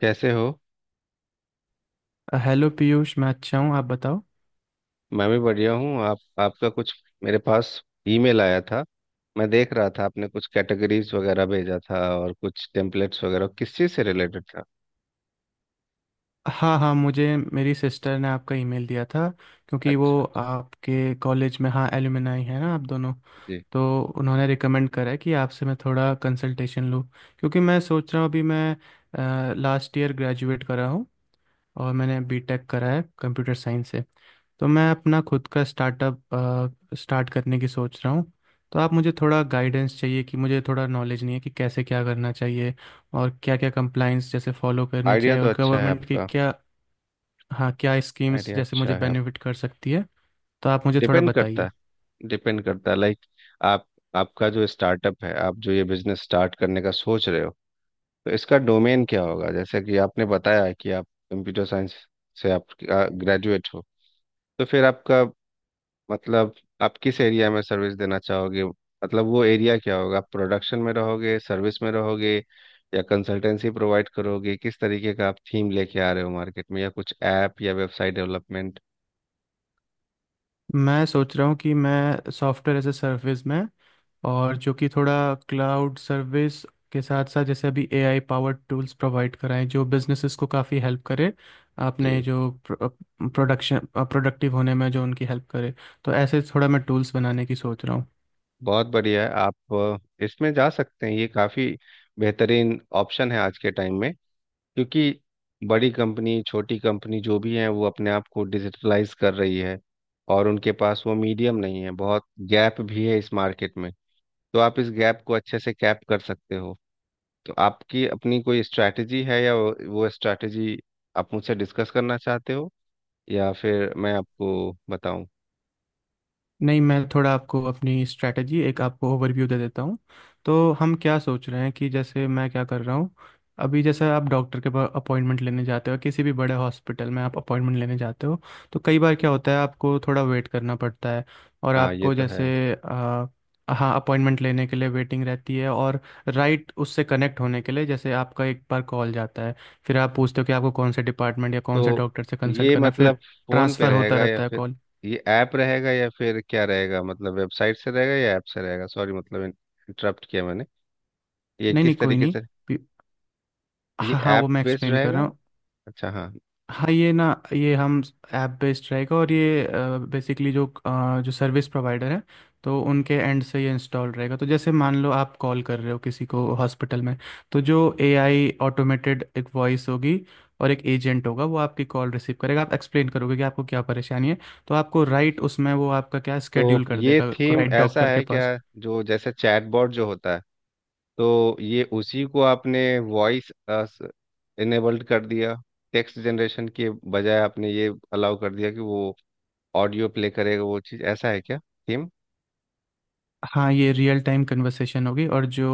कैसे हो। हेलो पीयूष। मैं अच्छा हूँ, आप बताओ। मैं भी बढ़िया हूँ। आप आपका कुछ मेरे पास ईमेल आया था। मैं देख रहा था आपने कुछ कैटेगरीज वगैरह भेजा था और कुछ टेम्पलेट्स वगैरह, किस चीज़ से रिलेटेड था? हाँ, हाँ, मुझे मेरी सिस्टर ने आपका ईमेल दिया था, क्योंकि अच्छा। वो आपके कॉलेज में, हाँ, एलुमनाई है ना, आप दोनों। जी। तो उन्होंने रिकमेंड करा है कि आपसे मैं थोड़ा कंसल्टेशन लूँ, क्योंकि मैं सोच रहा हूँ, अभी मैं लास्ट ईयर ग्रेजुएट करा हूँ, और मैंने बीटेक करा है कंप्यूटर साइंस से। तो मैं अपना खुद का स्टार्टअप स्टार्ट करने की सोच रहा हूँ। तो आप मुझे थोड़ा गाइडेंस चाहिए, कि मुझे थोड़ा नॉलेज नहीं है कि कैसे क्या करना चाहिए, और क्या क्या कंप्लाइंस जैसे फॉलो करनी आइडिया चाहिए, तो और अच्छा है गवर्नमेंट की आपका। क्या, हाँ, क्या स्कीम्स आइडिया जैसे मुझे अच्छा है। आप बेनिफिट कर सकती है। तो आप मुझे थोड़ा डिपेंड करता बताइए। है, डिपेंड करता है। लाइक, आप आपका जो स्टार्टअप है, आप जो ये बिजनेस स्टार्ट करने का सोच रहे हो, तो इसका डोमेन क्या होगा? जैसे कि आपने बताया कि आप कंप्यूटर साइंस से आप ग्रेजुएट हो, तो फिर आपका मतलब आप किस एरिया में सर्विस देना चाहोगे? मतलब वो एरिया क्या होगा? आप प्रोडक्शन में रहोगे, सर्विस में रहोगे, या कंसल्टेंसी प्रोवाइड करोगे? किस तरीके का आप थीम लेके आ रहे हो मार्केट में, या कुछ ऐप या वेबसाइट डेवलपमेंट? मैं सोच रहा हूँ कि मैं सॉफ्टवेयर एज ए सर्विस में, और जो कि थोड़ा क्लाउड सर्विस के साथ साथ, जैसे अभी एआई पावर्ड टूल्स प्रोवाइड कराएं जो बिजनेसेस को काफ़ी हेल्प करे, आपने जी, जो प्रोडक्शन प्रोडक्टिव होने में जो उनकी हेल्प करे। तो ऐसे थोड़ा मैं टूल्स बनाने की सोच रहा हूँ। बहुत बढ़िया है। आप इसमें जा सकते हैं। ये काफ़ी बेहतरीन ऑप्शन है आज के टाइम में। क्योंकि बड़ी कंपनी छोटी कंपनी जो भी है वो अपने आप को डिजिटलाइज कर रही है, और उनके पास वो मीडियम नहीं है, बहुत गैप भी है इस मार्केट में। तो आप इस गैप को अच्छे से कैप कर सकते हो। तो आपकी अपनी कोई स्ट्रैटेजी है, या वो स्ट्रैटेजी आप मुझसे डिस्कस करना चाहते हो, या फिर मैं आपको बताऊं? नहीं, मैं थोड़ा आपको अपनी स्ट्रैटेजी, एक आपको ओवरव्यू दे देता हूँ। तो हम क्या सोच रहे हैं, कि जैसे मैं क्या कर रहा हूँ, अभी जैसे आप डॉक्टर के पास अपॉइंटमेंट लेने जाते हो, किसी भी बड़े हॉस्पिटल में आप अपॉइंटमेंट लेने जाते हो, तो कई बार क्या होता है, आपको थोड़ा वेट करना पड़ता है, और हाँ, ये आपको तो है। जैसे हाँ, अपॉइंटमेंट लेने के लिए वेटिंग रहती है, और राइट, उससे कनेक्ट होने के लिए, जैसे आपका एक बार कॉल जाता है, फिर आप पूछते हो कि आपको कौन से डिपार्टमेंट या कौन से तो डॉक्टर से कंसल्ट ये करना है, मतलब फिर फोन पे ट्रांसफ़र होता रहेगा या रहता है फिर कॉल। ये ऐप रहेगा, या फिर क्या रहेगा? मतलब वेबसाइट से रहेगा या ऐप से रहेगा? सॉरी, मतलब इंटरप्ट किया मैंने। ये नहीं, नहीं, किस कोई तरीके से, नहीं। ये हाँ, हाँ, वो ऐप मैं बेस्ड एक्सप्लेन कर रहा रहेगा? हूँ। अच्छा, हाँ। हाँ, ये ना, ये हम ऐप बेस्ड रहेगा, और ये बेसिकली जो सर्विस प्रोवाइडर है, तो उनके एंड से ये इंस्टॉल रहेगा। तो जैसे मान लो, आप कॉल कर रहे हो किसी को हॉस्पिटल में, तो जो एआई ऑटोमेटेड एक वॉइस होगी और एक एजेंट होगा, वो आपकी कॉल रिसीव करेगा। आप एक्सप्लेन करोगे कि आपको क्या परेशानी है, तो आपको राइट उसमें वो आपका क्या तो स्केड्यूल कर ये देगा, थीम राइट ऐसा डॉक्टर के है क्या, पास। जो जैसे चैटबॉट जो होता है, तो ये उसी को आपने वॉइस इनेबल्ड कर दिया? टेक्स्ट जनरेशन के बजाय आपने ये अलाउ कर दिया कि वो ऑडियो प्ले करेगा? वो चीज़ ऐसा है क्या थीम? हाँ, ये रियल टाइम कन्वर्सेशन होगी, और जो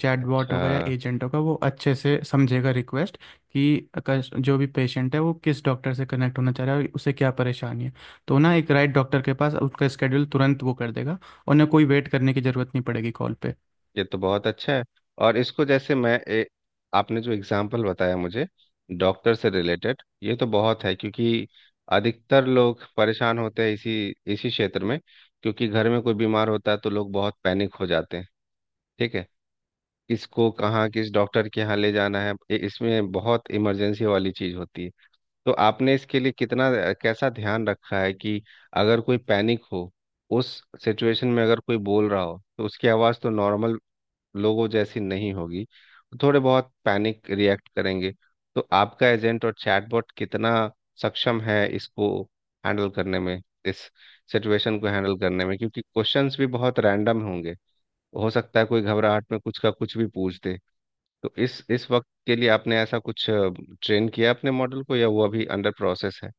चैटबॉट अच्छा। होगा या एजेंट होगा, वो अच्छे से समझेगा रिक्वेस्ट, कि जो भी पेशेंट है, वो किस डॉक्टर से कनेक्ट होना चाह रहा है और उसे क्या परेशानी है। तो ना एक राइट डॉक्टर के पास उसका स्केड्यूल तुरंत वो कर देगा, और ना कोई वेट करने की ज़रूरत नहीं पड़ेगी कॉल पे। ये तो बहुत अच्छा है। और इसको जैसे मैं आपने जो एग्जांपल बताया मुझे डॉक्टर से रिलेटेड, ये तो बहुत है। क्योंकि अधिकतर लोग परेशान होते हैं इसी इसी क्षेत्र में। क्योंकि घर में कोई बीमार होता है तो लोग बहुत पैनिक हो जाते हैं। ठीक है। किसको कहाँ किस डॉक्टर के यहाँ ले जाना है, इसमें बहुत इमरजेंसी वाली चीज होती है। तो आपने इसके लिए कितना कैसा ध्यान रखा है कि अगर कोई पैनिक हो, उस सिचुएशन में अगर कोई बोल रहा हो, तो उसकी आवाज़ तो नॉर्मल लोगों जैसी नहीं होगी, थोड़े बहुत पैनिक रिएक्ट करेंगे। तो आपका एजेंट और चैटबॉट कितना सक्षम है इसको हैंडल करने में, इस सिचुएशन को हैंडल करने में? क्योंकि क्वेश्चंस भी बहुत रैंडम होंगे। हो सकता है कोई घबराहट में कुछ का कुछ भी पूछ दे। तो इस वक्त के लिए आपने ऐसा कुछ ट्रेन किया अपने मॉडल को, या वो अभी अंडर प्रोसेस है?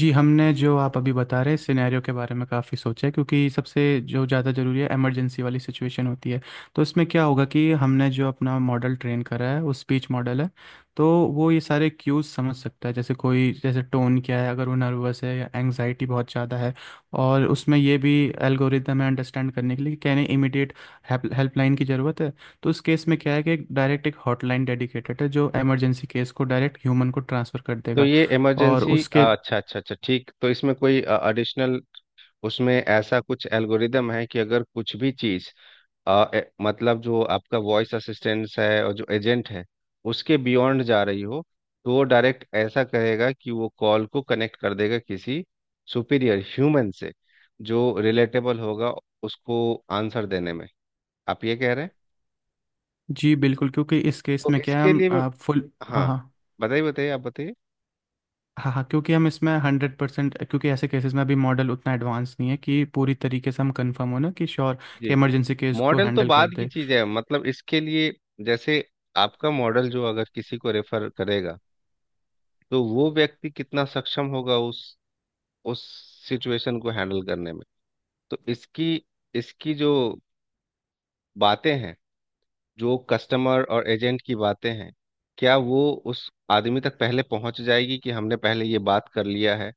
जी, हमने जो आप अभी बता रहे सिनेरियो के बारे में काफ़ी सोचा है, क्योंकि सबसे जो ज़्यादा ज़रूरी है इमरजेंसी वाली सिचुएशन होती है। तो इसमें क्या होगा कि हमने जो अपना मॉडल ट्रेन करा है वो स्पीच मॉडल है। तो वो ये सारे क्यूज समझ सकता है, जैसे कोई जैसे टोन क्या है, अगर वो नर्वस है या एंग्जाइटी बहुत ज़्यादा है, और उसमें ये भी एल्गोरिदम है अंडरस्टैंड करने के लिए, कि कहने इमीडिएट हेल्पलाइन की ज़रूरत है। तो इस केस में क्या है कि एक डायरेक्ट एक हॉटलाइन डेडिकेटेड है, जो इमरजेंसी केस को डायरेक्ट ह्यूमन को ट्रांसफ़र कर तो देगा, ये और इमरजेंसी, उसके। अच्छा अच्छा अच्छा, ठीक। तो इसमें कोई एडिशनल उसमें ऐसा कुछ एल्गोरिदम है कि अगर कुछ भी चीज़ मतलब जो आपका वॉइस असिस्टेंस है और जो एजेंट है, उसके बियॉन्ड जा रही हो, तो वो डायरेक्ट ऐसा कहेगा कि वो कॉल को कनेक्ट कर देगा किसी सुपीरियर ह्यूमन से जो रिलेटेबल होगा उसको आंसर देने में, आप ये कह रहे हैं? जी बिल्कुल, क्योंकि इस केस तो में क्या है, इसके हम लिए, फुल, हाँ, हाँ, हाँ, बताइए बताइए, आप बताइए। हाँ, हाँ, क्योंकि हम इसमें 100%, क्योंकि ऐसे केसेस में अभी मॉडल उतना एडवांस नहीं है कि पूरी तरीके से हम कंफर्म हो ना कि श्योर, कि जी। इमरजेंसी केस को मॉडल तो हैंडल कर बाद की दे। चीज़ है, मतलब इसके लिए जैसे आपका मॉडल जो अगर किसी को रेफर करेगा, तो वो व्यक्ति कितना सक्षम होगा उस सिचुएशन को हैंडल करने में? तो इसकी इसकी जो बातें हैं, जो कस्टमर और एजेंट की बातें हैं, क्या वो उस आदमी तक पहले पहुंच जाएगी कि हमने पहले ये बात कर लिया है,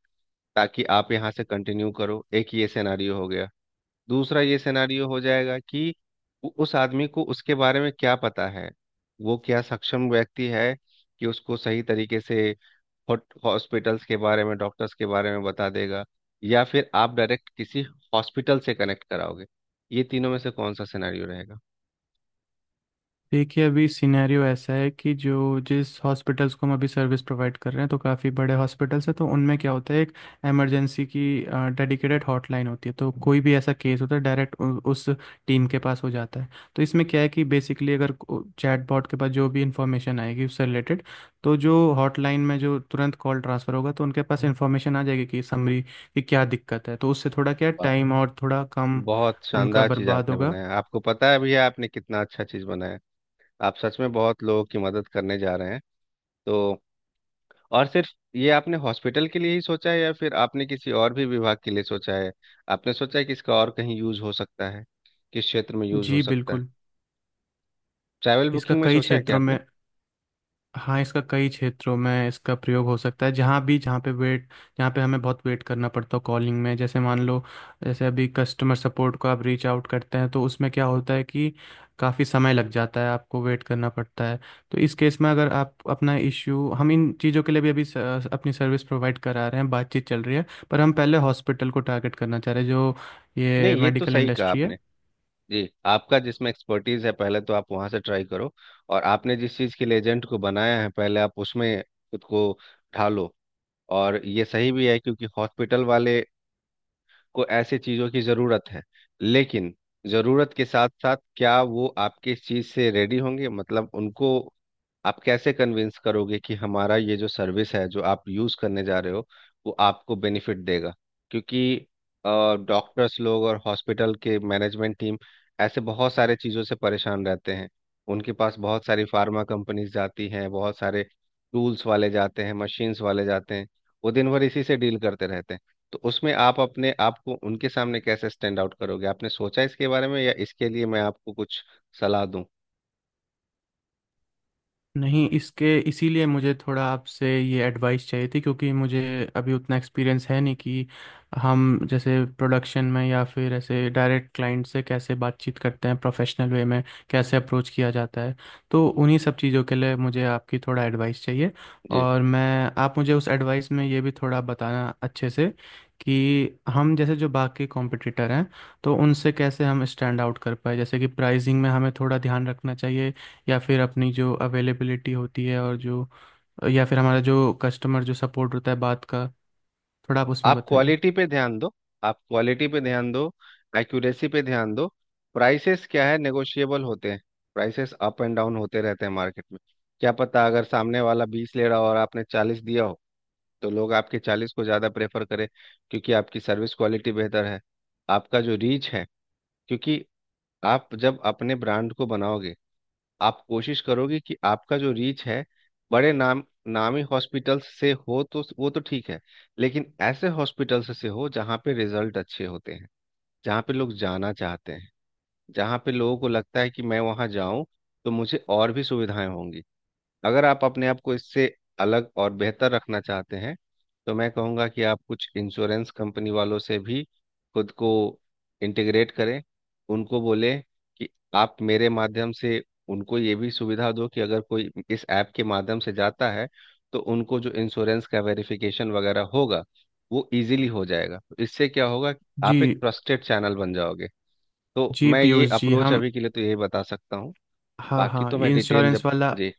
ताकि आप यहाँ से कंटिन्यू करो, एक ये सिनेरियो हो गया। दूसरा ये सिनेरियो हो जाएगा कि उस आदमी को उसके बारे में क्या पता है, वो क्या सक्षम व्यक्ति है कि उसको सही तरीके से हॉस्पिटल्स के बारे में डॉक्टर्स के बारे में बता देगा, या फिर आप डायरेक्ट किसी हॉस्पिटल से कनेक्ट कराओगे? ये तीनों में से कौन सा सिनेरियो रहेगा? देखिए, अभी सिनेरियो ऐसा है कि जो जिस हॉस्पिटल्स को हम अभी सर्विस प्रोवाइड कर रहे हैं, तो काफ़ी बड़े हॉस्पिटल्स हैं। तो उनमें क्या होता है, एक इमरजेंसी की डेडिकेटेड हॉटलाइन होती है, तो कोई भी ऐसा केस होता है, डायरेक्ट उस टीम के पास हो जाता है। तो इसमें क्या है कि बेसिकली, अगर चैटबॉट के पास जो भी इंफॉर्मेशन आएगी उससे रिलेटेड, तो जो हॉटलाइन में जो तुरंत कॉल ट्रांसफ़र होगा, तो उनके पास इंफॉर्मेशन आ जाएगी, कि समरी कि क्या दिक्कत है। तो उससे थोड़ा क्या वाह, टाइम और थोड़ा कम बहुत उनका शानदार चीज बर्बाद आपने होगा। बनाया। आपको पता है भैया, आपने कितना अच्छा चीज बनाया। आप सच में बहुत लोगों की मदद करने जा रहे हैं। तो और सिर्फ ये आपने हॉस्पिटल के लिए ही सोचा है, या फिर आपने किसी और भी विभाग के लिए सोचा है? आपने सोचा है कि इसका और कहीं यूज हो सकता है, किस क्षेत्र में यूज हो जी सकता है? बिल्कुल। ट्रैवल इसका बुकिंग में कई सोचा है क्या क्षेत्रों आपने? में, हाँ, इसका कई क्षेत्रों में इसका प्रयोग हो सकता है। जहाँ भी जहाँ पे वेट, जहाँ पे हमें बहुत वेट करना पड़ता है कॉलिंग में, जैसे मान लो, जैसे अभी कस्टमर सपोर्ट को आप रीच आउट करते हैं, तो उसमें क्या होता है कि काफ़ी समय लग जाता है, आपको वेट करना पड़ता है। तो इस केस में अगर आप अपना इश्यू, हम इन चीज़ों के लिए भी अभी अपनी सर्विस प्रोवाइड करा रहे हैं, बातचीत चल रही है, पर हम पहले हॉस्पिटल को टारगेट करना चाह रहे हैं, जो ये नहीं, ये तो मेडिकल सही कहा इंडस्ट्री है। आपने। जी, आपका जिसमें एक्सपर्टीज है, पहले तो आप वहां से ट्राई करो। और आपने जिस चीज के लिए एजेंट को बनाया है, पहले आप उसमें खुद को ढालो। और ये सही भी है, क्योंकि हॉस्पिटल वाले को ऐसे चीजों की जरूरत है। लेकिन जरूरत के साथ साथ क्या वो आपके इस चीज से रेडी होंगे? मतलब उनको आप कैसे कन्विंस करोगे कि हमारा ये जो सर्विस है जो आप यूज करने जा रहे हो, वो आपको बेनिफिट देगा? क्योंकि डॉक्टर्स लोग और हॉस्पिटल के मैनेजमेंट टीम ऐसे बहुत सारे चीज़ों से परेशान रहते हैं। उनके पास बहुत सारी फार्मा कंपनीज जाती हैं, बहुत सारे टूल्स वाले जाते हैं, मशीन्स वाले जाते हैं। वो दिन भर इसी से डील करते रहते हैं। तो उसमें आप अपने आप को उनके सामने कैसे स्टैंड आउट करोगे? आपने सोचा इसके बारे में, या इसके लिए मैं आपको कुछ सलाह दूं? नहीं, इसके इसीलिए मुझे थोड़ा आपसे ये एडवाइस चाहिए थी, क्योंकि मुझे अभी उतना एक्सपीरियंस है नहीं कि हम जैसे प्रोडक्शन में या फिर ऐसे डायरेक्ट क्लाइंट से कैसे बातचीत करते हैं, प्रोफेशनल वे में कैसे अप्रोच किया जाता है। तो उन्हीं सब चीज़ों के लिए मुझे आपकी थोड़ा एडवाइस चाहिए। जी। और मैं आप मुझे उस एडवाइस में ये भी थोड़ा बताना अच्छे से, कि हम जैसे जो बाकी कॉम्पिटिटर हैं, तो उनसे कैसे हम स्टैंड आउट कर पाए। जैसे कि प्राइसिंग में हमें थोड़ा ध्यान रखना चाहिए, या फिर अपनी जो अवेलेबिलिटी होती है, और जो, या फिर हमारा जो कस्टमर जो सपोर्ट होता है बात का, थोड़ा आप उसमें आप बताइए। क्वालिटी पे ध्यान दो। आप क्वालिटी पे ध्यान दो। एक्यूरेसी पे ध्यान दो। प्राइसेस क्या है, नेगोशिएबल होते हैं। प्राइसेस अप एंड डाउन होते रहते हैं मार्केट में। क्या पता अगर सामने वाला बीस ले रहा हो और आपने चालीस दिया हो, तो लोग आपके चालीस को ज़्यादा प्रेफर करें, क्योंकि आपकी सर्विस क्वालिटी बेहतर है। आपका जो रीच है, क्योंकि आप जब अपने ब्रांड को बनाओगे, आप कोशिश करोगे कि आपका जो रीच है बड़े नाम नामी हॉस्पिटल से हो, तो वो तो ठीक है। लेकिन ऐसे हॉस्पिटल से हो जहाँ पे रिजल्ट अच्छे होते हैं, जहाँ पे लोग जाना चाहते हैं, जहाँ पे लोगों को लगता है कि मैं वहाँ जाऊं तो मुझे और भी सुविधाएं होंगी। अगर आप अपने आप को इससे अलग और बेहतर रखना चाहते हैं, तो मैं कहूँगा कि आप कुछ इंश्योरेंस कंपनी वालों से भी खुद को इंटीग्रेट करें। उनको बोले कि आप मेरे माध्यम से उनको ये भी सुविधा दो कि अगर कोई इस ऐप के माध्यम से जाता है, तो उनको जो इंश्योरेंस का वेरिफिकेशन वगैरह होगा, वो इजीली हो जाएगा। तो इससे क्या होगा, आप एक जी। ट्रस्टेड चैनल बन जाओगे। तो जी मैं ये पीयूष जी, अप्रोच हम, अभी के लिए तो यही बता सकता हूँ। हाँ, बाकी हाँ, तो ये मैं डिटेल जब, इंश्योरेंस वाला, जी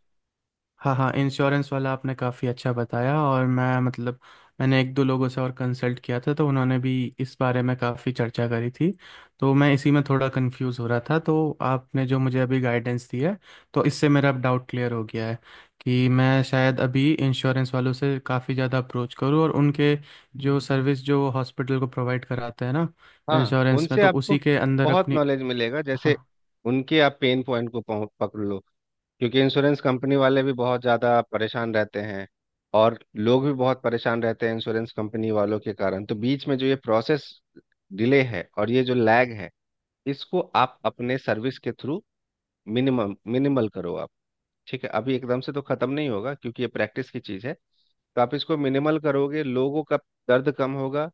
हाँ, हाँ, इंश्योरेंस वाला आपने काफ़ी अच्छा बताया, और मैं मतलब, मैंने एक दो लोगों से और कंसल्ट किया था, तो उन्होंने भी इस बारे में काफ़ी चर्चा करी थी, तो मैं इसी में थोड़ा कंफ्यूज हो रहा था। तो आपने जो मुझे अभी गाइडेंस दी है, तो इससे मेरा अब डाउट क्लियर हो गया है, कि मैं शायद अभी इंश्योरेंस वालों से काफ़ी ज़्यादा अप्रोच करूँ, और उनके जो सर्विस जो हॉस्पिटल को प्रोवाइड कराते हैं ना, हाँ, इंश्योरेंस में, उनसे तो आपको उसी के अंदर बहुत अपनी, नॉलेज मिलेगा। जैसे हाँ, उनके आप पेन पॉइंट को पकड़ लो। क्योंकि इंश्योरेंस कंपनी वाले भी बहुत ज़्यादा परेशान रहते हैं, और लोग भी बहुत परेशान रहते हैं इंश्योरेंस कंपनी वालों के कारण। तो बीच में जो ये प्रोसेस डिले है और ये जो लैग है, इसको आप अपने सर्विस के थ्रू मिनिमम मिनिमल करो आप। ठीक है, अभी एकदम से तो ख़त्म नहीं होगा क्योंकि ये प्रैक्टिस की चीज़ है। तो आप इसको मिनिमल करोगे, लोगों का दर्द कम होगा,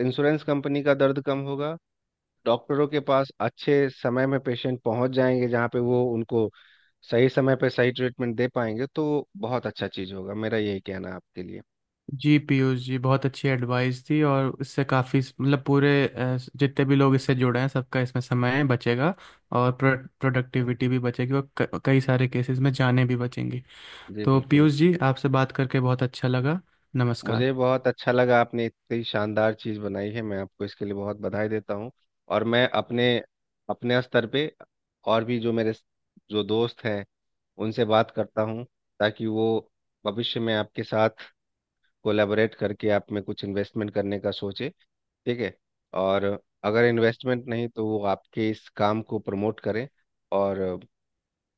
इंश्योरेंस कंपनी का दर्द कम होगा, डॉक्टरों के पास अच्छे समय में पेशेंट पहुंच जाएंगे जहाँ पे वो उनको सही समय पे सही ट्रीटमेंट दे पाएंगे। तो बहुत अच्छा चीज़ होगा, मेरा यही कहना है आपके लिए। जी पीयूष जी, बहुत अच्छी एडवाइस थी, और इससे काफ़ी मतलब पूरे जितने भी लोग इससे जुड़े हैं, सबका इसमें समय बचेगा, और प्रोडक्टिविटी भी बचेगी, और कई सारे केसेस में जानें भी बचेंगी। जी तो बिल्कुल। पीयूष जी, आपसे बात करके बहुत अच्छा लगा। नमस्कार। मुझे बहुत अच्छा लगा, आपने इतनी शानदार चीज़ बनाई है, मैं आपको इसके लिए बहुत बधाई देता हूँ। और मैं अपने अपने स्तर पे और भी जो मेरे जो दोस्त हैं उनसे बात करता हूँ, ताकि वो भविष्य में आपके साथ कोलैबोरेट करके आप में कुछ इन्वेस्टमेंट करने का सोचे। ठीक है। और अगर इन्वेस्टमेंट नहीं, तो वो आपके इस काम को प्रमोट करें। और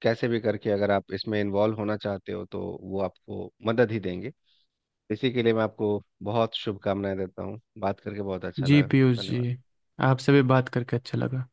कैसे भी करके अगर आप इसमें इन्वॉल्व होना चाहते हो, तो वो आपको मदद ही देंगे। इसी के लिए मैं आपको बहुत शुभकामनाएं देता हूँ। बात करके बहुत अच्छा जी लगा। पीयूष धन्यवाद। जी, आपसे भी बात करके अच्छा लगा।